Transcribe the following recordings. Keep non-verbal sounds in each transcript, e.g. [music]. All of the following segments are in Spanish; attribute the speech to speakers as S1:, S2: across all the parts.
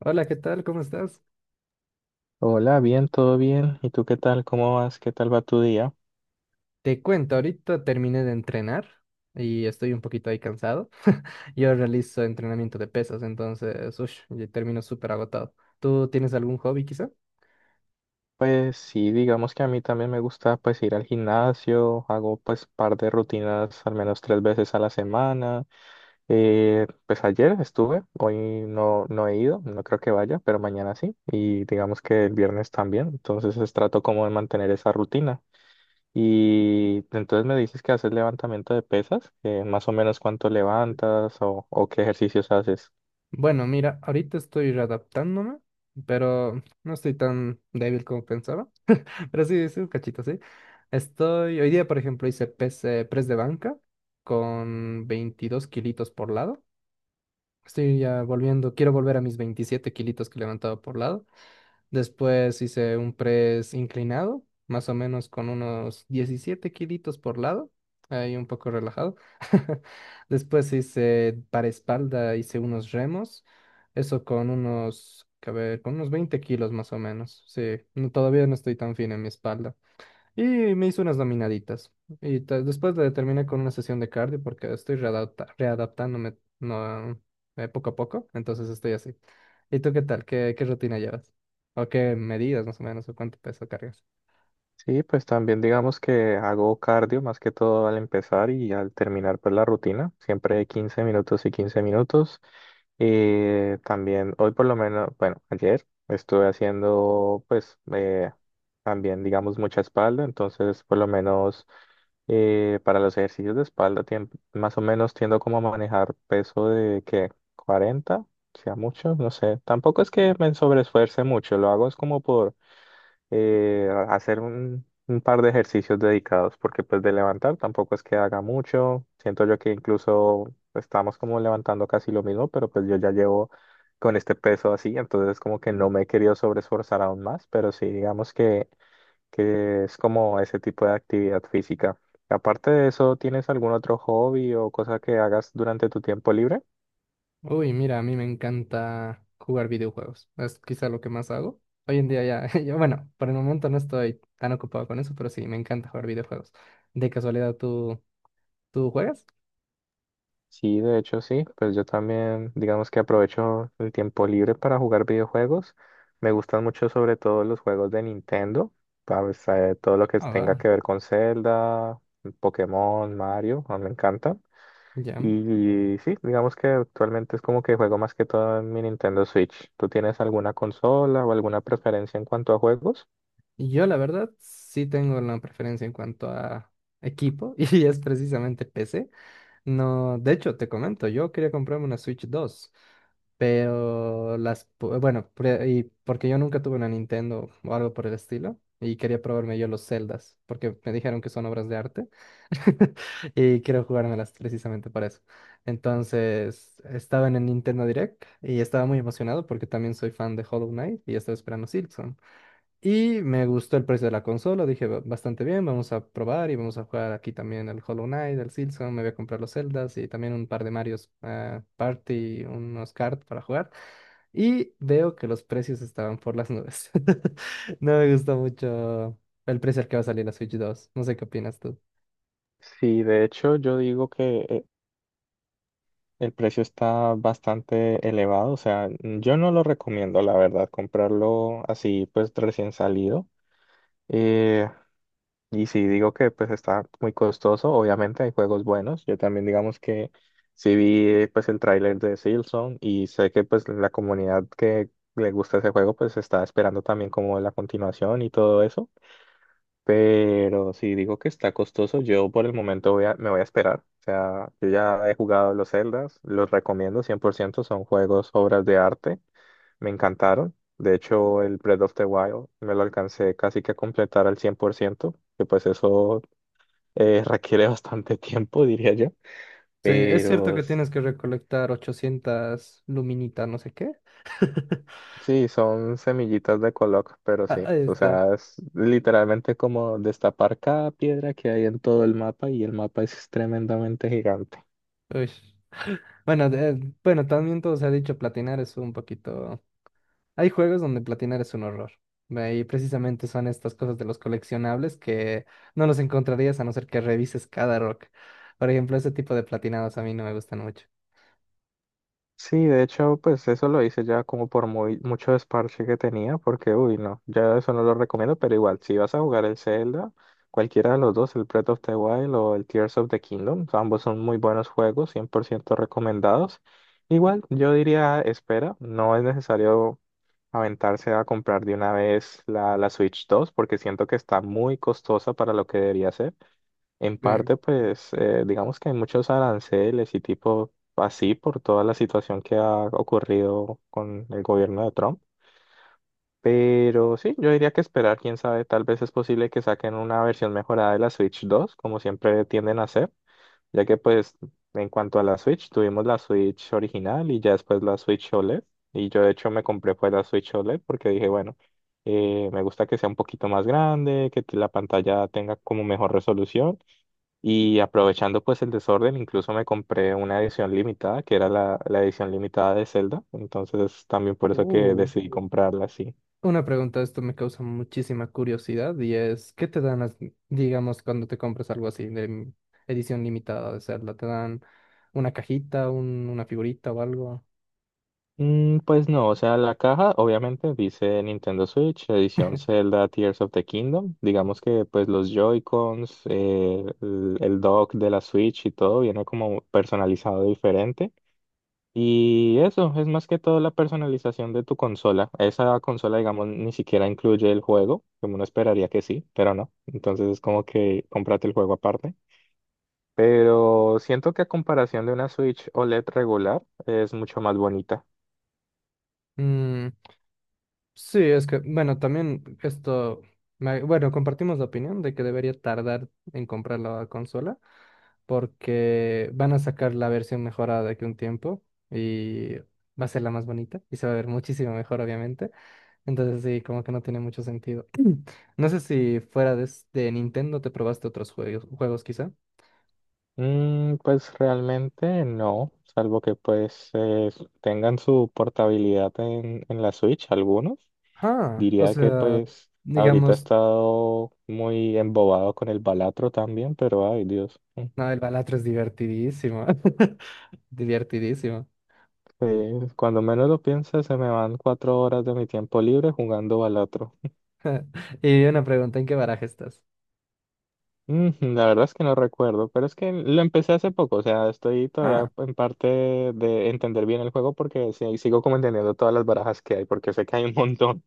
S1: Hola, ¿qué tal? ¿Cómo estás?
S2: Hola, bien, todo bien. ¿Y tú qué tal? ¿Cómo vas? ¿Qué tal va tu día?
S1: Te cuento, ahorita terminé de entrenar y estoy un poquito ahí cansado. [laughs] Yo realizo entrenamiento de pesas, entonces, ush, yo termino súper agotado. ¿Tú tienes algún hobby quizá?
S2: Pues sí, digamos que a mí también me gusta pues ir al gimnasio, hago pues par de rutinas al menos 3 veces a la semana. Pues ayer estuve, hoy no, no he ido, no creo que vaya, pero mañana sí. Y digamos que el viernes también, entonces es trato como de mantener esa rutina. Y entonces me dices que haces levantamiento de pesas, más o menos cuánto levantas o qué ejercicios haces.
S1: Bueno, mira, ahorita estoy readaptándome, pero no estoy tan débil como pensaba. [laughs] Pero sí, sí, un cachito, sí. Estoy, hoy día, por ejemplo, hice press de banca con 22 kilitos por lado. Estoy ya volviendo, quiero volver a mis 27 kilitos que levantaba por lado. Después hice un press inclinado, más o menos con unos 17 kilitos por lado, ahí un poco relajado. [laughs] Después hice para espalda, hice unos remos, eso con unos, que a ver, con unos 20 kilos más o menos. Sí, todavía no estoy tan fino en mi espalda. Y me hice unas dominaditas. Después la terminé con una sesión de cardio porque readaptándome no, poco a poco. Entonces estoy así. ¿Y tú qué tal? ¿Qué rutina llevas? ¿O qué medidas más o menos? ¿O cuánto peso cargas?
S2: Sí, pues también digamos que hago cardio más que todo al empezar y al terminar pues la rutina, siempre 15 minutos y 15 minutos. Y también hoy por lo menos, bueno, ayer estuve haciendo pues también digamos mucha espalda, entonces por lo menos para los ejercicios de espalda tiem más o menos tiendo como a manejar peso de que 40 sea mucho, no sé, tampoco es que me sobreesfuerce mucho, lo hago es como por hacer un par de ejercicios dedicados, porque pues de levantar tampoco es que haga mucho. Siento yo que incluso estamos como levantando casi lo mismo, pero pues yo ya llevo con este peso así, entonces como que no me he querido sobreesforzar aún más, pero sí digamos que es como ese tipo de actividad física. Aparte de eso, ¿tienes algún otro hobby o cosa que hagas durante tu tiempo libre?
S1: Uy, mira, a mí me encanta jugar videojuegos. Es quizá lo que más hago. Hoy en día ya, [laughs] yo, bueno, por el momento no estoy tan ocupado con eso, pero sí, me encanta jugar videojuegos. ¿De casualidad tú juegas?
S2: Sí, de hecho sí, pues yo también digamos que aprovecho el tiempo libre para jugar videojuegos. Me gustan mucho sobre todo los juegos de Nintendo, ¿sabes? Todo lo que
S1: Ah,
S2: tenga
S1: va,
S2: que ver con Zelda, Pokémon, Mario, a mí me encanta.
S1: ya.
S2: Y sí, digamos que actualmente es como que juego más que todo en mi Nintendo Switch. ¿Tú tienes alguna consola o alguna preferencia en cuanto a juegos?
S1: Yo, la verdad, sí tengo una preferencia en cuanto a equipo [laughs] y es precisamente PC. No, de hecho, te comento, yo quería comprarme una Switch dos, pero las, pu- bueno, pre- y porque yo nunca tuve una Nintendo o algo por el estilo y quería probarme yo los Zeldas porque me dijeron que son obras de arte [laughs] y quiero jugármelas precisamente para eso. Entonces, estaba en el Nintendo Direct y estaba muy emocionado porque también soy fan de Hollow Knight y estaba esperando Silksong. Y me gustó el precio de la consola, dije: "Ba- bastante bien, vamos a probar y vamos a jugar aquí también el Hollow Knight, el Silson, me voy a comprar los Zeldas y también un par de Marios Party, unos cards para jugar". Y veo que los precios estaban por las nubes. [laughs] No me gustó mucho el precio al que va a salir la Switch dos. No sé qué opinas tú.
S2: Sí, de hecho yo digo que el precio está bastante elevado, o sea, yo no lo recomiendo, la verdad, comprarlo así, pues recién salido. Eh, y si digo que pues está muy costoso, obviamente hay juegos buenos. Yo también digamos que sí vi pues el tráiler de Silson y sé que pues la comunidad que le gusta ese juego pues está esperando también como la continuación y todo eso. Pero si digo que está costoso, yo por el momento me voy a esperar. O sea, yo ya he jugado los Zeldas, los recomiendo 100%. Son juegos, obras de arte, me encantaron. De hecho, el Breath of the Wild me lo alcancé casi que a completar al 100%, que pues eso [laughs] requiere bastante tiempo, diría yo.
S1: Sí, es cierto
S2: Pero
S1: que
S2: s-
S1: tienes que recolectar 800 luminitas, no sé qué. [laughs]
S2: sí, son semillitas de Coloc, pero
S1: Ah,
S2: sí,
S1: ahí
S2: o
S1: está.
S2: sea, es literalmente como destapar cada piedra que hay en todo el mapa y el mapa es tremendamente gigante.
S1: Uy. Bueno, también todo se ha dicho, platinar es un poquito. Hay juegos donde platinar es un horror. Y precisamente son estas cosas de los coleccionables que no los encontrarías a no ser que revises cada rock. Por ejemplo, ese tipo de platinados a mí no me gustan mucho.
S2: Sí, de hecho, pues eso lo hice ya como por muy, mucho desparche que tenía, porque uy, no, ya eso no lo recomiendo, pero igual, si vas a jugar el Zelda, cualquiera de los dos, el Breath of the Wild o el Tears of the Kingdom, ambos son muy buenos juegos, 100% recomendados. Igual, yo diría, espera, no es necesario aventarse a comprar de una vez la Switch 2, porque siento que está muy costosa para lo que debería ser. En
S1: Eh,
S2: parte, pues, digamos que hay muchos aranceles y tipo así por toda la situación que ha ocurrido con el gobierno de Trump. Pero sí, yo diría que esperar, quién sabe, tal vez es posible que saquen una versión mejorada de la Switch 2 como siempre tienden a hacer, ya que pues en cuanto a la Switch, tuvimos la Switch original y ya después la Switch OLED. Y yo de hecho me compré pues la Switch OLED porque dije, bueno, me gusta que sea un poquito más grande, que la pantalla tenga como mejor resolución. Y aprovechando pues el desorden, incluso me compré una edición limitada, que era la edición limitada de Zelda. Entonces también por eso que
S1: oh,
S2: decidí comprarla así.
S1: Una pregunta, esto me causa muchísima curiosidad y es, ¿qué te dan, las- digamos, cuando te compras algo así edición limitada de Zelda, ¿te dan una cajita, una figurita o algo?
S2: Mm, pues no, o sea, la caja obviamente dice Nintendo Switch, edición Zelda Tears of the Kingdom. Digamos que pues los Joy-Cons, el dock de la Switch y todo viene como personalizado diferente. Y eso es más que todo la personalización de tu consola. Esa consola, digamos, ni siquiera incluye el juego, como uno esperaría que sí, pero no. Entonces es como que cómprate el juego aparte. Pero siento que a comparación de una Switch OLED regular, es mucho más bonita.
S1: Mm. Sí, es que, bueno, también esto, bueno, compartimos la opinión de que debería tardar en comprar la consola porque van a sacar la versión mejorada de aquí a un tiempo y va a ser la más bonita y se va a ver muchísimo mejor, obviamente. Entonces sí, como que no tiene mucho sentido. No sé si fuera de, de Nintendo te probaste otros juegos, juegos quizá.
S2: Mm, pues realmente no, salvo que pues tengan su portabilidad en la Switch, algunos.
S1: Ah, o
S2: Diría que
S1: sea,
S2: pues ahorita he
S1: digamos,
S2: estado muy embobado con el Balatro también, pero ay Dios. Mm.
S1: no, el Balatro es divertidísimo. [laughs] Divertidísimo. [laughs]
S2: Sí, cuando menos lo piense, se me van 4 horas de mi tiempo libre jugando Balatro.
S1: Y una pregunta, ¿en qué baraja estás?
S2: Mm, la verdad es que no recuerdo, pero es que lo empecé hace poco, o sea, estoy todavía
S1: Ah,
S2: en parte de entender bien el juego porque sí, sigo como entendiendo todas las barajas que hay, porque sé que hay un montón.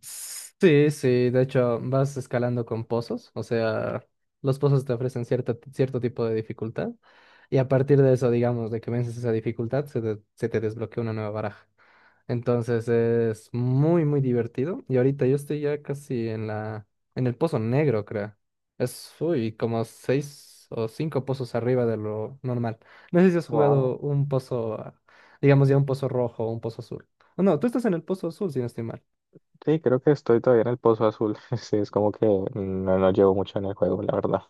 S1: sí, sí, de hecho vas escalando con pozos, o sea, los pozos te ofrecen cierto tipo de dificultad y a partir de eso, digamos, de que vences esa dificultad, se te desbloquea una nueva baraja. Entonces es muy divertido y ahorita yo estoy ya casi en en el pozo negro, creo. Es, uy, como seis o cinco pozos arriba de lo normal. No sé si has
S2: Wow.
S1: jugado un pozo, ah, digamos ya un pozo rojo o un pozo azul. No, tú estás en el pozo azul, si no estoy mal.
S2: Sí, creo que estoy todavía en el pozo azul. [laughs] Sí, es como que no, no llevo mucho en el juego, la verdad.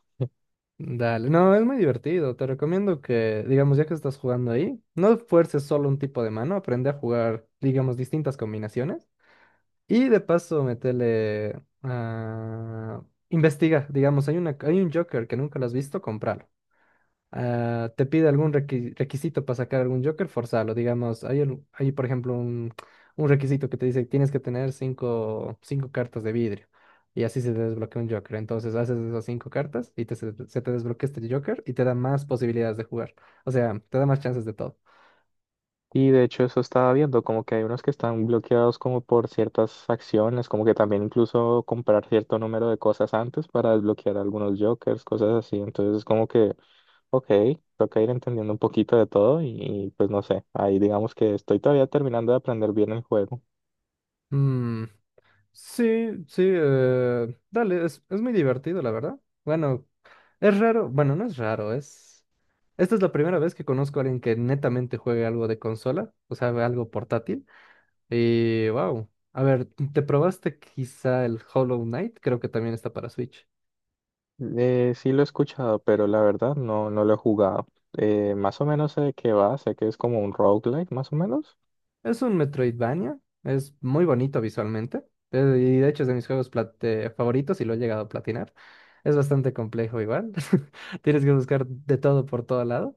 S1: Dale, no, es muy divertido. Te recomiendo que, digamos, ya que estás jugando ahí, no fuerces solo un tipo de mano, aprende a jugar, digamos, distintas combinaciones. Y de paso, metele a... Investiga, digamos, hay un Joker que nunca lo has visto, compralo. Ah, te pide algún requisito para sacar algún Joker, forzalo. Digamos, hay por ejemplo un requisito que te dice que tienes que tener cinco cartas de vidrio y así se te desbloquea un Joker. Entonces haces esas cinco cartas y se te desbloquea este Joker y te da más posibilidades de jugar. O sea, te da más chances de todo.
S2: Y de hecho eso estaba viendo, como que hay unos que están bloqueados como por ciertas acciones, como que también incluso comprar cierto número de cosas antes para desbloquear algunos jokers, cosas así. Entonces es como que, ok, toca ir entendiendo un poquito de todo pues no sé, ahí digamos que estoy todavía terminando de aprender bien el juego.
S1: Mm. Sí, sí, dale, es muy divertido, la verdad. Bueno, es raro, bueno, no es raro, es... Esta es la primera vez que conozco a alguien que netamente juegue algo de consola, o sea, algo portátil. Y wow, a ver, ¿te probaste quizá el Hollow Knight? Creo que también está para Switch.
S2: Sí lo he escuchado, pero la verdad no, no lo he jugado. Más o menos sé de qué va, sé que es como un roguelike, más o menos.
S1: Es un Metroidvania, es muy bonito visualmente, y de hecho es de mis favoritos y lo he llegado a platinar. Es bastante complejo igual, [laughs] tienes que buscar de todo por todo lado.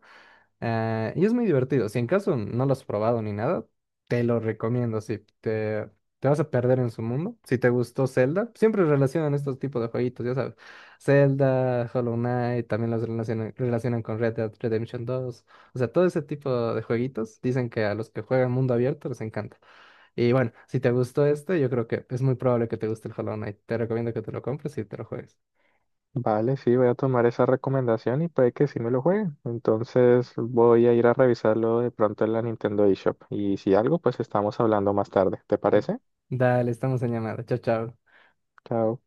S1: Ah, y es muy divertido. Si en caso no lo has probado ni nada, te lo recomiendo. Si te, te vas a perder en su mundo. Si te gustó Zelda, siempre relacionan estos tipos de jueguitos, ya sabes. Zelda, Hollow Knight, también los relacionan con Red Dead Redemption dos. O sea, todo ese tipo de jueguitos dicen que a los que juegan mundo abierto les encanta. Y bueno, si te gustó este, yo creo que es muy probable que te guste el Hollow Knight. Te recomiendo que te lo compres y te lo juegues.
S2: Vale, sí, voy a tomar esa recomendación y puede que sí me lo juegue. Entonces voy a ir a revisarlo de pronto en la Nintendo eShop. Y si algo, pues estamos hablando más tarde. ¿Te parece?
S1: Dale, estamos en llamada. Chao, chao.
S2: Chao.